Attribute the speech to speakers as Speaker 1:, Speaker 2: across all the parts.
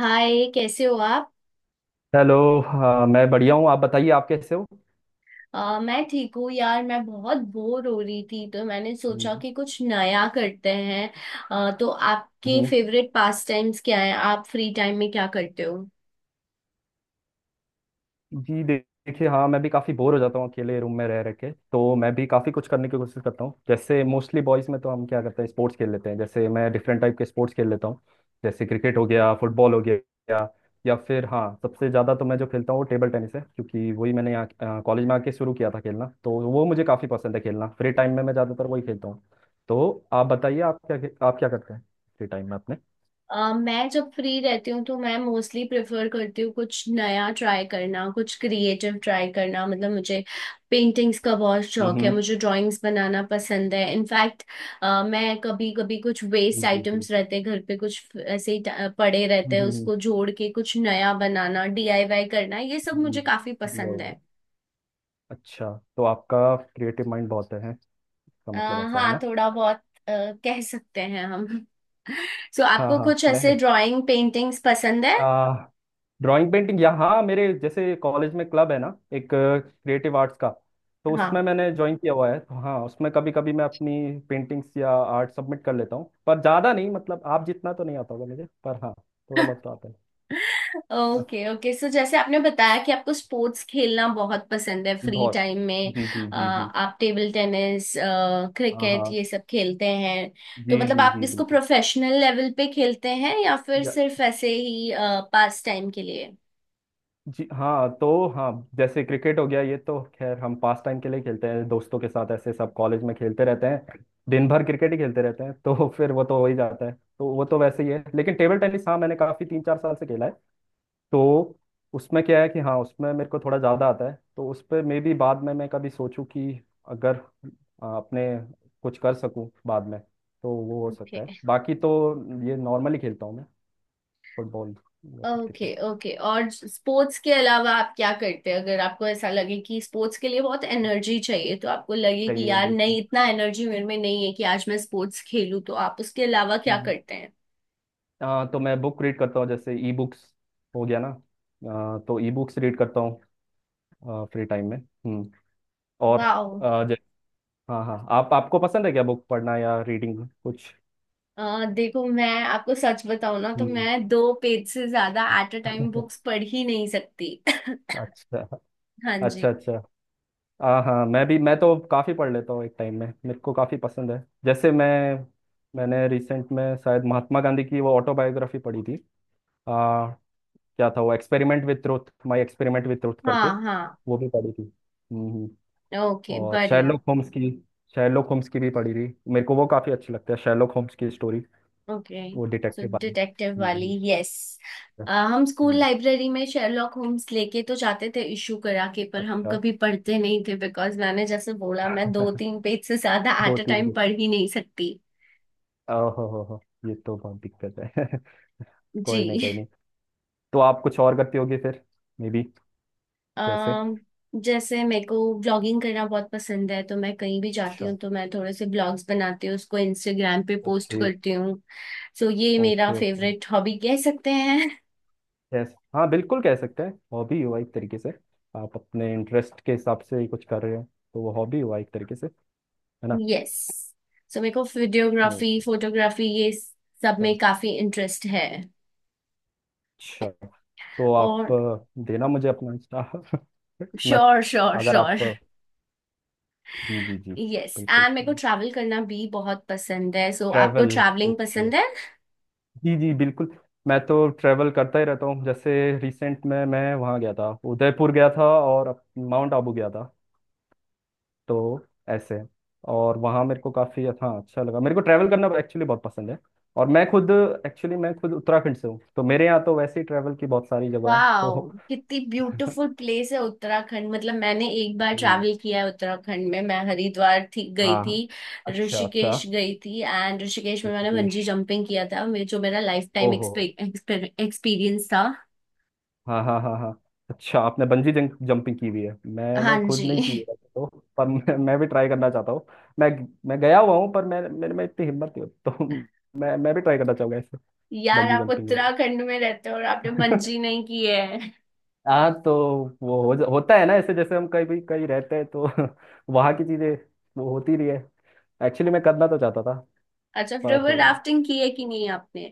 Speaker 1: हाय कैसे हो आप।
Speaker 2: हेलो। हाँ, मैं बढ़िया हूँ। आप बताइए, आप कैसे हो?
Speaker 1: मैं ठीक हूँ यार। मैं बहुत बोर हो रही थी तो मैंने सोचा
Speaker 2: हम्म।
Speaker 1: कि कुछ नया करते हैं। तो आपके
Speaker 2: हम्म,
Speaker 1: फेवरेट पास टाइम्स क्या हैं? आप फ्री टाइम में क्या करते हो?
Speaker 2: जी, देखिए, हाँ मैं भी काफ़ी बोर हो जाता हूँ अकेले रूम में रह रह के। तो मैं भी काफ़ी कुछ करने की कोशिश करता हूँ, जैसे मोस्टली बॉयज़ में तो हम क्या करते हैं, स्पोर्ट्स खेल लेते हैं। जैसे मैं डिफरेंट टाइप के स्पोर्ट्स खेल लेता हूँ, जैसे क्रिकेट हो गया, फुटबॉल हो गया, या फिर हाँ, सबसे ज़्यादा तो मैं जो खेलता हूँ वो टेबल टेनिस है, क्योंकि वही मैंने यहाँ कॉलेज में आके शुरू किया था खेलना। तो वो मुझे काफ़ी पसंद है खेलना, फ्री टाइम में मैं ज़्यादातर वही खेलता हूँ। तो आप बताइए, आप क्या करते हैं फ्री टाइम में अपने?
Speaker 1: मैं जब फ्री रहती हूँ तो मैं मोस्टली प्रेफर करती हूँ कुछ नया ट्राई करना, कुछ क्रिएटिव ट्राई करना। मतलब मुझे पेंटिंग्स का बहुत शौक है,
Speaker 2: हम्म।
Speaker 1: मुझे ड्राइंग्स बनाना पसंद है। इनफैक्ट मैं कभी कभी, कुछ
Speaker 2: जी
Speaker 1: वेस्ट
Speaker 2: जी जी।
Speaker 1: आइटम्स रहते हैं घर पे कुछ ऐसे ही पड़े रहते हैं,
Speaker 2: हम्म,
Speaker 1: उसको जोड़ के कुछ नया बनाना, डीआईवाई करना, ये सब
Speaker 2: जी।
Speaker 1: मुझे काफी
Speaker 2: जी,
Speaker 1: पसंद
Speaker 2: और
Speaker 1: है।
Speaker 2: अच्छा। तो आपका क्रिएटिव माइंड बहुत है, इसका मतलब ऐसा है
Speaker 1: हाँ
Speaker 2: ना?
Speaker 1: थोड़ा बहुत अ, कह सकते हैं हम। सो,
Speaker 2: हाँ
Speaker 1: आपको
Speaker 2: हाँ,
Speaker 1: कुछ
Speaker 2: मैं
Speaker 1: ऐसे ड्राइंग पेंटिंग्स पसंद है?
Speaker 2: आ, ड्राइंग पेंटिंग यहाँ मेरे जैसे कॉलेज में क्लब है ना, एक क्रिएटिव आर्ट्स का। तो उसमें
Speaker 1: हाँ।
Speaker 2: मैंने ज्वाइन किया हुआ है। तो हाँ, उसमें कभी कभी मैं अपनी पेंटिंग्स या आर्ट सबमिट कर लेता हूँ, पर ज़्यादा नहीं, मतलब आप जितना तो नहीं आता होगा मुझे, पर हाँ थोड़ा बहुत तो आता है। अ,
Speaker 1: ओके ओके। सो जैसे आपने बताया कि आपको स्पोर्ट्स खेलना बहुत पसंद है फ्री
Speaker 2: बहुत।
Speaker 1: टाइम में,
Speaker 2: जी जी जी जी।
Speaker 1: आप टेबल टेनिस,
Speaker 2: हाँ
Speaker 1: क्रिकेट
Speaker 2: हाँ।
Speaker 1: ये सब खेलते हैं।
Speaker 2: जी
Speaker 1: तो मतलब
Speaker 2: जी
Speaker 1: आप
Speaker 2: जी
Speaker 1: इसको
Speaker 2: बिल्कुल।
Speaker 1: प्रोफेशनल लेवल पे खेलते हैं या फिर सिर्फ ऐसे ही पास टाइम के लिए?
Speaker 2: जी हाँ तो हाँ, जैसे क्रिकेट हो गया, ये तो खैर हम पास टाइम के लिए खेलते हैं दोस्तों के साथ, ऐसे सब कॉलेज में खेलते रहते हैं, दिन भर क्रिकेट ही खेलते रहते हैं तो फिर वो तो हो ही जाता है, तो वो तो वैसे ही है। लेकिन टेबल टेनिस हाँ, मैंने काफ़ी तीन चार साल से खेला है। तो उसमें क्या है कि हाँ, उसमें मेरे को थोड़ा ज़्यादा आता है, तो उस पर मे बी बाद में मैं कभी सोचूं कि अगर अपने कुछ कर सकूं बाद में, तो वो हो
Speaker 1: ओके।
Speaker 2: सकता है। बाकी तो ये नॉर्मली खेलता हूँ मैं, फुटबॉल या फिर
Speaker 1: ओके
Speaker 2: क्रिकेट।
Speaker 1: ओके। और स्पोर्ट्स के अलावा आप क्या करते हैं? अगर आपको ऐसा लगे कि स्पोर्ट्स के लिए बहुत एनर्जी चाहिए तो आपको लगे कि
Speaker 2: सही है
Speaker 1: यार
Speaker 2: बिल्कुल।
Speaker 1: नहीं, इतना एनर्जी मेरे में नहीं है कि आज मैं स्पोर्ट्स खेलूं, तो आप उसके अलावा क्या करते हैं?
Speaker 2: तो मैं बुक रीड करता हूँ, जैसे ई बुक्स हो गया ना। तो ई बुक्स रीड करता हूँ फ्री टाइम में। हम्म, और
Speaker 1: वाह।
Speaker 2: आ, जै- हाँ हाँ, आप आपको पसंद है क्या बुक पढ़ना या रीडिंग कुछ?
Speaker 1: देखो मैं आपको सच बताऊं ना, तो
Speaker 2: हम्म।
Speaker 1: मैं दो पेज से ज्यादा एट अ टाइम बुक्स पढ़ ही नहीं सकती।
Speaker 2: अच्छा
Speaker 1: हाँ
Speaker 2: अच्छा
Speaker 1: जी।
Speaker 2: अच्छा। हाँ हाँ, मैं भी, मैं तो काफ़ी पढ़ लेता हूँ एक टाइम में, मेरे को काफ़ी पसंद है। जैसे मैंने रिसेंट में शायद महात्मा गांधी की वो ऑटोबायोग्राफी पढ़ी थी। आ, क्या था वो, experiment with truth, my experiment with truth करके,
Speaker 1: हाँ हाँ।
Speaker 2: वो भी पढ़ी थी।
Speaker 1: ओके
Speaker 2: और
Speaker 1: बढ़िया।
Speaker 2: शेरलॉक होम्स की, शेरलॉक होम्स की भी पढ़ी थी। मेरे को वो काफ़ी अच्छी लगती है, शेरलॉक होम्स की स्टोरी,
Speaker 1: ओके,
Speaker 2: वो
Speaker 1: सो
Speaker 2: डिटेक्टिव वाली।
Speaker 1: डिटेक्टिव वाली,
Speaker 2: हम्म।
Speaker 1: यस। हम स्कूल
Speaker 2: हम्म,
Speaker 1: लाइब्रेरी में शेरलॉक होम्स लेके तो जाते थे, इशू करा के, पर हम
Speaker 2: अच्छा।
Speaker 1: कभी पढ़ते नहीं थे बिकॉज मैंने जैसे बोला, मैं दो तीन पेज से ज्यादा
Speaker 2: दो
Speaker 1: एट अ
Speaker 2: तीन
Speaker 1: टाइम
Speaker 2: बुक?
Speaker 1: पढ़ ही नहीं सकती।
Speaker 2: ओहो हो, ये तो बहुत दिक्कत है। कोई नहीं
Speaker 1: जी।
Speaker 2: कोई नहीं। तो आप कुछ और करती होगी फिर मे बी, जैसे।
Speaker 1: अम, जैसे मेरे को ब्लॉगिंग करना बहुत पसंद है। तो मैं कहीं भी जाती
Speaker 2: अच्छा।
Speaker 1: हूँ तो मैं थोड़े से ब्लॉग्स बनाती हूँ, उसको इंस्टाग्राम पे पोस्ट
Speaker 2: ओके
Speaker 1: करती हूँ। सो ये मेरा
Speaker 2: ओके। ओके।
Speaker 1: फेवरेट हॉबी कह सकते हैं।
Speaker 2: यस, हाँ बिल्कुल कह सकते हैं, हॉबी हुआ एक तरीके से। आप अपने इंटरेस्ट के हिसाब से ही कुछ कर रहे हैं, तो वो हॉबी हुआ एक तरीके से, है ना?
Speaker 1: यस, सो मेरे को वीडियोग्राफी, फोटोग्राफी ये सब में
Speaker 2: Yes.
Speaker 1: काफी इंटरेस्ट है।
Speaker 2: अच्छा। तो आप
Speaker 1: और
Speaker 2: देना मुझे अपना इंस्टा। मैं,
Speaker 1: श्योर श्योर
Speaker 2: अगर आप।
Speaker 1: श्योर।
Speaker 2: जी जी जी
Speaker 1: यस,
Speaker 2: बिल्कुल।
Speaker 1: एंड मेरे को ट्रैवल करना भी बहुत पसंद है। सो आपको
Speaker 2: ट्रैवल।
Speaker 1: Travelling
Speaker 2: okay.
Speaker 1: पसंद है?
Speaker 2: जी जी बिल्कुल, मैं तो ट्रैवल करता ही रहता हूँ। जैसे रिसेंट में मैं वहाँ गया था, उदयपुर गया था, और माउंट आबू गया था, तो ऐसे। और वहाँ मेरे को काफ़ी हाँ, अच्छा लगा, मेरे को ट्रैवल करना एक्चुअली बहुत पसंद है। और मैं खुद, एक्चुअली मैं खुद उत्तराखंड से हूँ, तो मेरे यहाँ तो वैसे ही ट्रैवल की बहुत सारी जगह है
Speaker 1: वाह,
Speaker 2: तो।
Speaker 1: कितनी ब्यूटीफुल प्लेस है उत्तराखंड। मतलब मैंने एक बार
Speaker 2: हम्म।
Speaker 1: ट्रैवल किया है उत्तराखंड में, मैं हरिद्वार थी गई
Speaker 2: हाँ
Speaker 1: थी,
Speaker 2: हाँ। अच्छा अच्छा।
Speaker 1: ऋषिकेश गई थी, एंड ऋषिकेश में मैंने बंजी
Speaker 2: ऋषिकेश,
Speaker 1: जंपिंग किया था, जो मेरा लाइफ टाइम
Speaker 2: ओहो
Speaker 1: एक्सपीरियंस था।
Speaker 2: हाँ हाँ हाँ हाँ। अच्छा, आपने बंजी जंप जंपिंग की हुई है, मैंने
Speaker 1: हाँ
Speaker 2: खुद
Speaker 1: जी।
Speaker 2: नहीं की है वैसे तो, पर मैं भी ट्राई करना चाहता हूँ। मैं मैं गया हुआ हूँ, पर मैं मेरे में इतनी हिम्मत नहीं होती तो। मैं भी ट्राई करना चाहूंगा ऐसे।
Speaker 1: यार
Speaker 2: बंजी
Speaker 1: आप
Speaker 2: जंपिंग हो गया।
Speaker 1: उत्तराखंड में रहते हो और आपने बंजी नहीं की है!
Speaker 2: हाँ तो वो होता है ना ऐसे, जैसे हम कहीं भी कहीं रहते हैं तो। वहाँ की चीजें वो होती रही है। एक्चुअली मैं करना तो चाहता था,
Speaker 1: अच्छा फिर
Speaker 2: पर
Speaker 1: वो
Speaker 2: हो नहीं।
Speaker 1: राफ्टिंग की है कि नहीं आपने?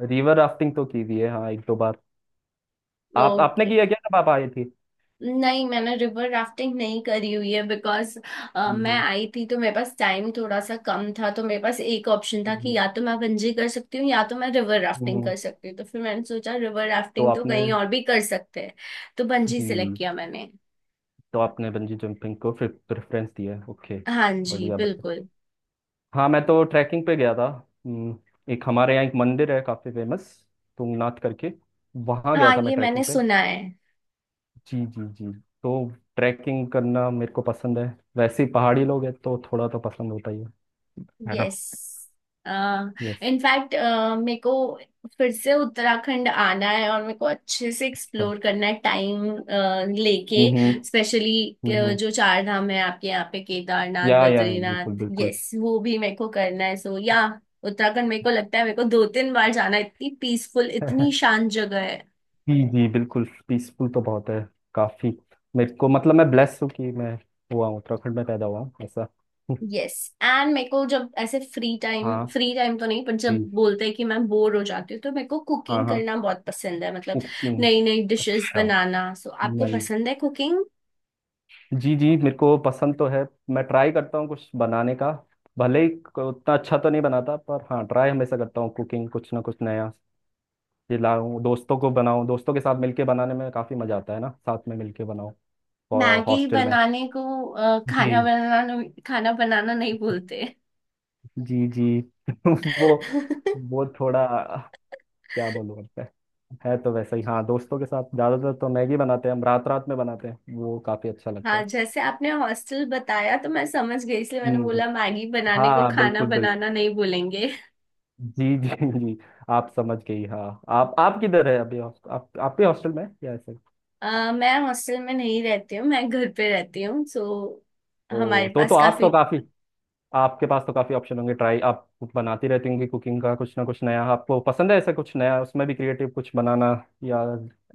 Speaker 2: रिवर राफ्टिंग तो की हुई है हाँ, एक दो बार। आप आपने
Speaker 1: ओके।
Speaker 2: किया क्या जब आप आई थी?
Speaker 1: नहीं मैंने रिवर राफ्टिंग नहीं करी हुई है बिकॉज मैं
Speaker 2: हम्म।
Speaker 1: आई थी तो मेरे पास टाइम थोड़ा सा कम था, तो मेरे पास एक ऑप्शन था कि
Speaker 2: हम्म।
Speaker 1: या तो मैं बंजी कर सकती हूँ या तो मैं रिवर
Speaker 2: हम्म।
Speaker 1: राफ्टिंग
Speaker 2: हम्म।
Speaker 1: कर सकती हूँ, तो फिर मैंने सोचा रिवर
Speaker 2: तो
Speaker 1: राफ्टिंग तो
Speaker 2: आपने,
Speaker 1: कहीं और भी कर सकते हैं, तो बंजी
Speaker 2: जी,
Speaker 1: सिलेक्ट किया मैंने।
Speaker 2: तो आपने बंजी जंपिंग को फिर प्रेफरेंस दिया है, ओके।
Speaker 1: हाँ जी
Speaker 2: बढ़िया बढ़िया।
Speaker 1: बिल्कुल।
Speaker 2: हाँ मैं तो ट्रैकिंग पे गया था। हम्म, एक हमारे यहाँ एक मंदिर है काफ़ी फेमस, तुंगनाथ करके, वहाँ गया
Speaker 1: हाँ
Speaker 2: था मैं
Speaker 1: ये मैंने
Speaker 2: ट्रैकिंग पे।
Speaker 1: सुना है।
Speaker 2: जी जी जी। तो ट्रैकिंग करना मेरे को पसंद है, वैसे ही पहाड़ी लोग हैं तो थोड़ा तो पसंद होता ही है ना?
Speaker 1: Yes,
Speaker 2: yes.
Speaker 1: इनफैक्ट मेरे को फिर से उत्तराखंड आना है और मेरे को अच्छे से
Speaker 2: अच्छा।
Speaker 1: एक्सप्लोर करना है टाइम लेके।
Speaker 2: हम्म।
Speaker 1: स्पेशली
Speaker 2: हम्म।
Speaker 1: जो चार धाम है आपके यहाँ पे, केदारनाथ,
Speaker 2: या
Speaker 1: बद्रीनाथ,
Speaker 2: बिल्कुल बिल्कुल।
Speaker 1: यस वो भी मेरे को करना है। सो या उत्तराखंड मेरे को लगता है मेरे को दो तीन बार जाना है, इतनी पीसफुल, इतनी शांत जगह है।
Speaker 2: जी जी बिल्कुल, पीसफुल तो बहुत है, काफी। मेरे को मतलब मैं ब्लेस हूँ कि मैं हुआ हूँ, उत्तराखंड में पैदा हुआ हूँ ऐसा।
Speaker 1: यस, एंड मेरे को जब ऐसे फ्री टाइम,
Speaker 2: हाँ
Speaker 1: फ्री टाइम तो नहीं पर जब
Speaker 2: जी।
Speaker 1: बोलते हैं कि मैं बोर हो जाती हूँ, तो मेरे को
Speaker 2: हाँ
Speaker 1: कुकिंग
Speaker 2: हाँ।
Speaker 1: करना बहुत पसंद है। मतलब
Speaker 2: कुकिंग,
Speaker 1: नई नई डिशेस
Speaker 2: अच्छा,
Speaker 1: बनाना। सो आपको
Speaker 2: नहीं।
Speaker 1: पसंद है कुकिंग?
Speaker 2: जी जी, मेरे को पसंद तो है, मैं ट्राई करता हूँ कुछ बनाने का, भले ही उतना अच्छा तो नहीं बनाता, पर हाँ ट्राई हमेशा करता हूँ कुकिंग कुछ ना कुछ नया, ये लाऊं दोस्तों को बनाऊं, दोस्तों के साथ मिलके बनाने में काफी मजा आता है ना, साथ में मिलके बनाओ,
Speaker 1: मैगी
Speaker 2: हॉस्टल में।
Speaker 1: बनाने को
Speaker 2: जी
Speaker 1: खाना बनाना, खाना बनाना नहीं बोलते।
Speaker 2: जी जी। वो वो थोड़ा क्या बोलूँ अब मैं, है तो वैसा ही हाँ, दोस्तों के साथ ज्यादातर तो मैगी बनाते हैं हम, रात रात में बनाते हैं, वो काफी अच्छा लगता
Speaker 1: हाँ
Speaker 2: है।
Speaker 1: जैसे आपने हॉस्टल बताया तो मैं समझ गई, इसलिए मैंने
Speaker 2: हम्म।
Speaker 1: बोला मैगी बनाने को
Speaker 2: हाँ
Speaker 1: खाना
Speaker 2: बिल्कुल बिल्कुल।
Speaker 1: बनाना नहीं बोलेंगे।
Speaker 2: जी जी जी। आप समझ गई हाँ। आप किधर है अभी, आप आपके हॉस्टल में है या ऐसे?
Speaker 1: मैं हॉस्टल में नहीं रहती हूँ, मैं घर पे रहती हूँ। सो हमारे
Speaker 2: ओ, तो
Speaker 1: पास
Speaker 2: आप तो
Speaker 1: काफी,
Speaker 2: काफी, आपके पास तो काफी ऑप्शन होंगे ट्राई, आप बनाती रहती होंगी कुकिंग का कुछ ना कुछ नया, आपको पसंद है ऐसा कुछ नया, उसमें भी क्रिएटिव कुछ बनाना या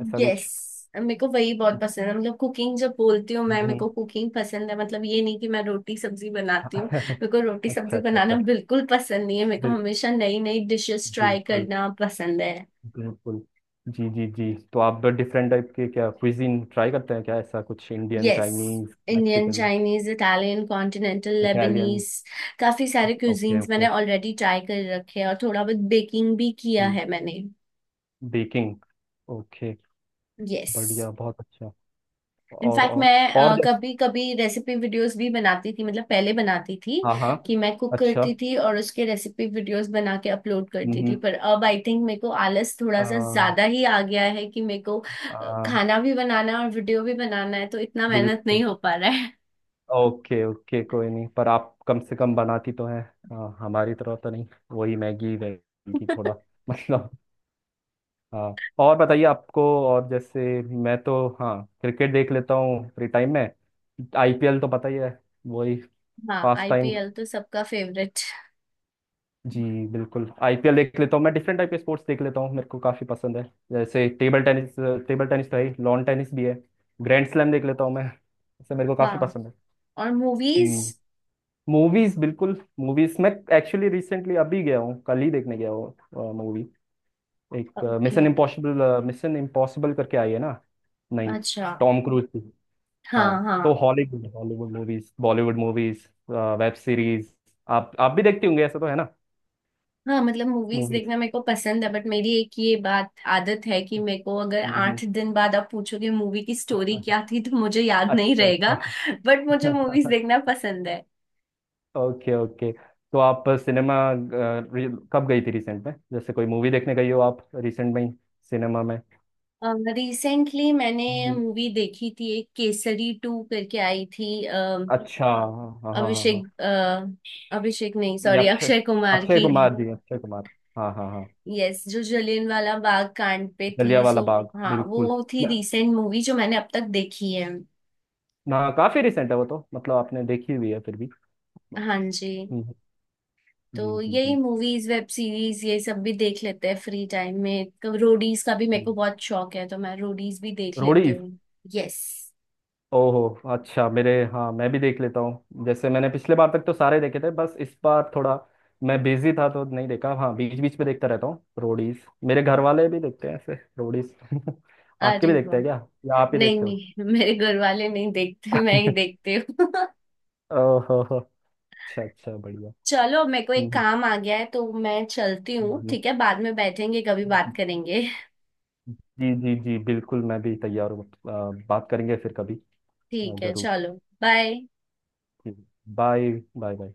Speaker 2: ऐसा कुछ।
Speaker 1: यस मेरे को वही बहुत
Speaker 2: हम्म
Speaker 1: पसंद है। मतलब कुकिंग जब बोलती हूँ मैं, मेरे को
Speaker 2: हम्म।
Speaker 1: कुकिंग पसंद है, मतलब ये नहीं कि मैं रोटी सब्जी
Speaker 2: हाँ,
Speaker 1: बनाती हूँ। मेरे को रोटी
Speaker 2: अच्छा
Speaker 1: सब्जी
Speaker 2: अच्छा
Speaker 1: बनाना
Speaker 2: अच्छा।
Speaker 1: बिल्कुल पसंद नहीं है, मेरे को
Speaker 2: बिल,
Speaker 1: हमेशा नई नई डिशेस ट्राई
Speaker 2: बिल्कुल
Speaker 1: करना पसंद है।
Speaker 2: बिल्कुल। जी जी जी। तो आप डिफरेंट टाइप के क्या क्विजीन ट्राई करते हैं क्या, ऐसा कुछ, Indian
Speaker 1: yes,
Speaker 2: Chinese
Speaker 1: Indian,
Speaker 2: Mexican
Speaker 1: Chinese, Italian, continental,
Speaker 2: Italian?
Speaker 1: Lebanese, काफी सारे
Speaker 2: ओके
Speaker 1: क्यूजीन्स मैंने
Speaker 2: ओके।
Speaker 1: ऑलरेडी ट्राई कर रखे हैं, और थोड़ा बहुत बेकिंग भी किया है मैंने।
Speaker 2: बेकिंग। ओके,
Speaker 1: यस,
Speaker 2: बढ़िया बहुत अच्छा। और
Speaker 1: इनफैक्ट मैं
Speaker 2: जैसे।
Speaker 1: कभी कभी रेसिपी वीडियोस भी बनाती थी। मतलब पहले बनाती थी
Speaker 2: हाँ हाँ।
Speaker 1: कि मैं कुक
Speaker 2: अच्छा।
Speaker 1: करती थी और उसके रेसिपी वीडियोस बना के अपलोड
Speaker 2: हम्म
Speaker 1: करती थी,
Speaker 2: हम्म।
Speaker 1: पर अब आई थिंक मेरे को आलस थोड़ा सा
Speaker 2: आ,
Speaker 1: ज्यादा ही आ गया है कि मेरे को
Speaker 2: आ,
Speaker 1: खाना भी बनाना है और वीडियो भी बनाना है तो इतना मेहनत नहीं
Speaker 2: बिल्कुल।
Speaker 1: हो पा रहा है।
Speaker 2: ओके ओके, कोई नहीं, पर आप कम से कम बनाती तो हैं हाँ, हमारी तरह तो नहीं वही मैगी वैगी थोड़ा। मतलब, हाँ और बताइए आपको, और जैसे। मैं तो हाँ क्रिकेट देख लेता हूँ फ्री टाइम में, आईपीएल तो पता ही है, वही
Speaker 1: हाँ
Speaker 2: पास टाइम।
Speaker 1: आईपीएल तो सबका फेवरेट।
Speaker 2: जी बिल्कुल, आईपीएल देख लेता हूँ, मैं डिफरेंट टाइप के स्पोर्ट्स देख लेता हूँ, मेरे को काफ़ी पसंद है। जैसे टेबल टेनिस, टेबल टेनिस तो है ही, लॉन टेनिस भी है, ग्रैंड स्लैम देख लेता हूँ मैं, इससे मेरे को काफ़ी
Speaker 1: वाह,
Speaker 2: पसंद है।
Speaker 1: और मूवीज?
Speaker 2: हम्म। मूवीज बिल्कुल। मूवीज मैं एक्चुअली रिसेंटली अभी गया हूँ, कल ही देखने गया हूँ मूवी, एक
Speaker 1: okay.
Speaker 2: Mission impossible. Mission impossible करके आई है ना? नहीं।
Speaker 1: अच्छा।
Speaker 2: Tom cruise.
Speaker 1: हाँ
Speaker 2: हाँ, तो
Speaker 1: हाँ।
Speaker 2: Hollywood Hollywood movies Bollywood movies web series, आप भी देखती होंगे ऐसा तो है ना?
Speaker 1: हाँ मतलब मूवीज
Speaker 2: मूवीज।
Speaker 1: देखना मेरे को पसंद है, बट मेरी एक ये बात आदत है कि मेरे को अगर
Speaker 2: हम्म।
Speaker 1: आठ दिन बाद आप पूछोगे मूवी की स्टोरी क्या थी तो मुझे याद नहीं
Speaker 2: अच्छा
Speaker 1: रहेगा।
Speaker 2: अच्छा।
Speaker 1: बट मुझे मूवीज देखना पसंद है।
Speaker 2: Okay okay. तो आप सिनेमा, कब गई थी रिसेंट में, जैसे कोई मूवी देखने गई हो आप रिसेंट में ही सिनेमा में?
Speaker 1: रिसेंटली मैंने
Speaker 2: हम्म,
Speaker 1: मूवी देखी थी एक, केसरी टू करके आई थी।
Speaker 2: अच्छा हाँ हाँ हाँ हाँ हाँ।
Speaker 1: अभिषेक अ, अभिषेक नहीं
Speaker 2: ये
Speaker 1: सॉरी,
Speaker 2: अक्षय,
Speaker 1: अक्षय कुमार
Speaker 2: अक्षय
Speaker 1: की।
Speaker 2: कुमार जी, अक्षय कुमार। हाँ हाँ हाँ।
Speaker 1: यस, जो जलियांवाला बाग कांड पे थी।
Speaker 2: जलियांवाला
Speaker 1: सो
Speaker 2: बाग
Speaker 1: हाँ,
Speaker 2: बिल्कुल।
Speaker 1: वो थी
Speaker 2: मैं-
Speaker 1: रिसेंट मूवी जो मैंने अब तक देखी है।
Speaker 2: ना, काफी रिसेंट है वो तो, मतलब आपने देखी हुई है फिर भी।
Speaker 1: हाँ जी।
Speaker 2: हम्म। जी
Speaker 1: तो यही,
Speaker 2: जी
Speaker 1: मूवीज, वेब सीरीज ये सब भी देख लेते हैं फ्री टाइम में। तो रोडीज का भी
Speaker 2: जी।
Speaker 1: मेरे को बहुत शौक है, तो मैं रोडीज भी देख लेती
Speaker 2: रोडीज,
Speaker 1: हूँ। यस।
Speaker 2: ओहो अच्छा, मेरे, हाँ मैं भी देख लेता हूँ, जैसे मैंने पिछले बार तक तो सारे देखे थे, बस इस बार थोड़ा मैं बिजी था तो नहीं देखा, हाँ बीच बीच में देखता रहता हूँ रोडीज, मेरे घर वाले भी देखते हैं ऐसे रोडीज। आपके भी
Speaker 1: अरे
Speaker 2: देखते
Speaker 1: वाह।
Speaker 2: हैं क्या या आप ही
Speaker 1: नहीं
Speaker 2: देखते हो?
Speaker 1: नहीं मेरे घर वाले नहीं देखते, मैं ही देखती हूँ।
Speaker 2: ओहो हो, अच्छा अच्छा बढ़िया।
Speaker 1: चलो मेरे को
Speaker 2: हम्म
Speaker 1: एक
Speaker 2: हम्म।
Speaker 1: काम आ गया है, तो मैं चलती हूँ।
Speaker 2: हम्म
Speaker 1: ठीक है, बाद में बैठेंगे कभी बात
Speaker 2: हम्म।
Speaker 1: करेंगे।
Speaker 2: जी जी जी बिल्कुल, मैं भी तैयार हूँ। बात करेंगे फिर कभी।
Speaker 1: ठीक है
Speaker 2: जरूर।
Speaker 1: चलो। बाय।
Speaker 2: बाय। Bye bye.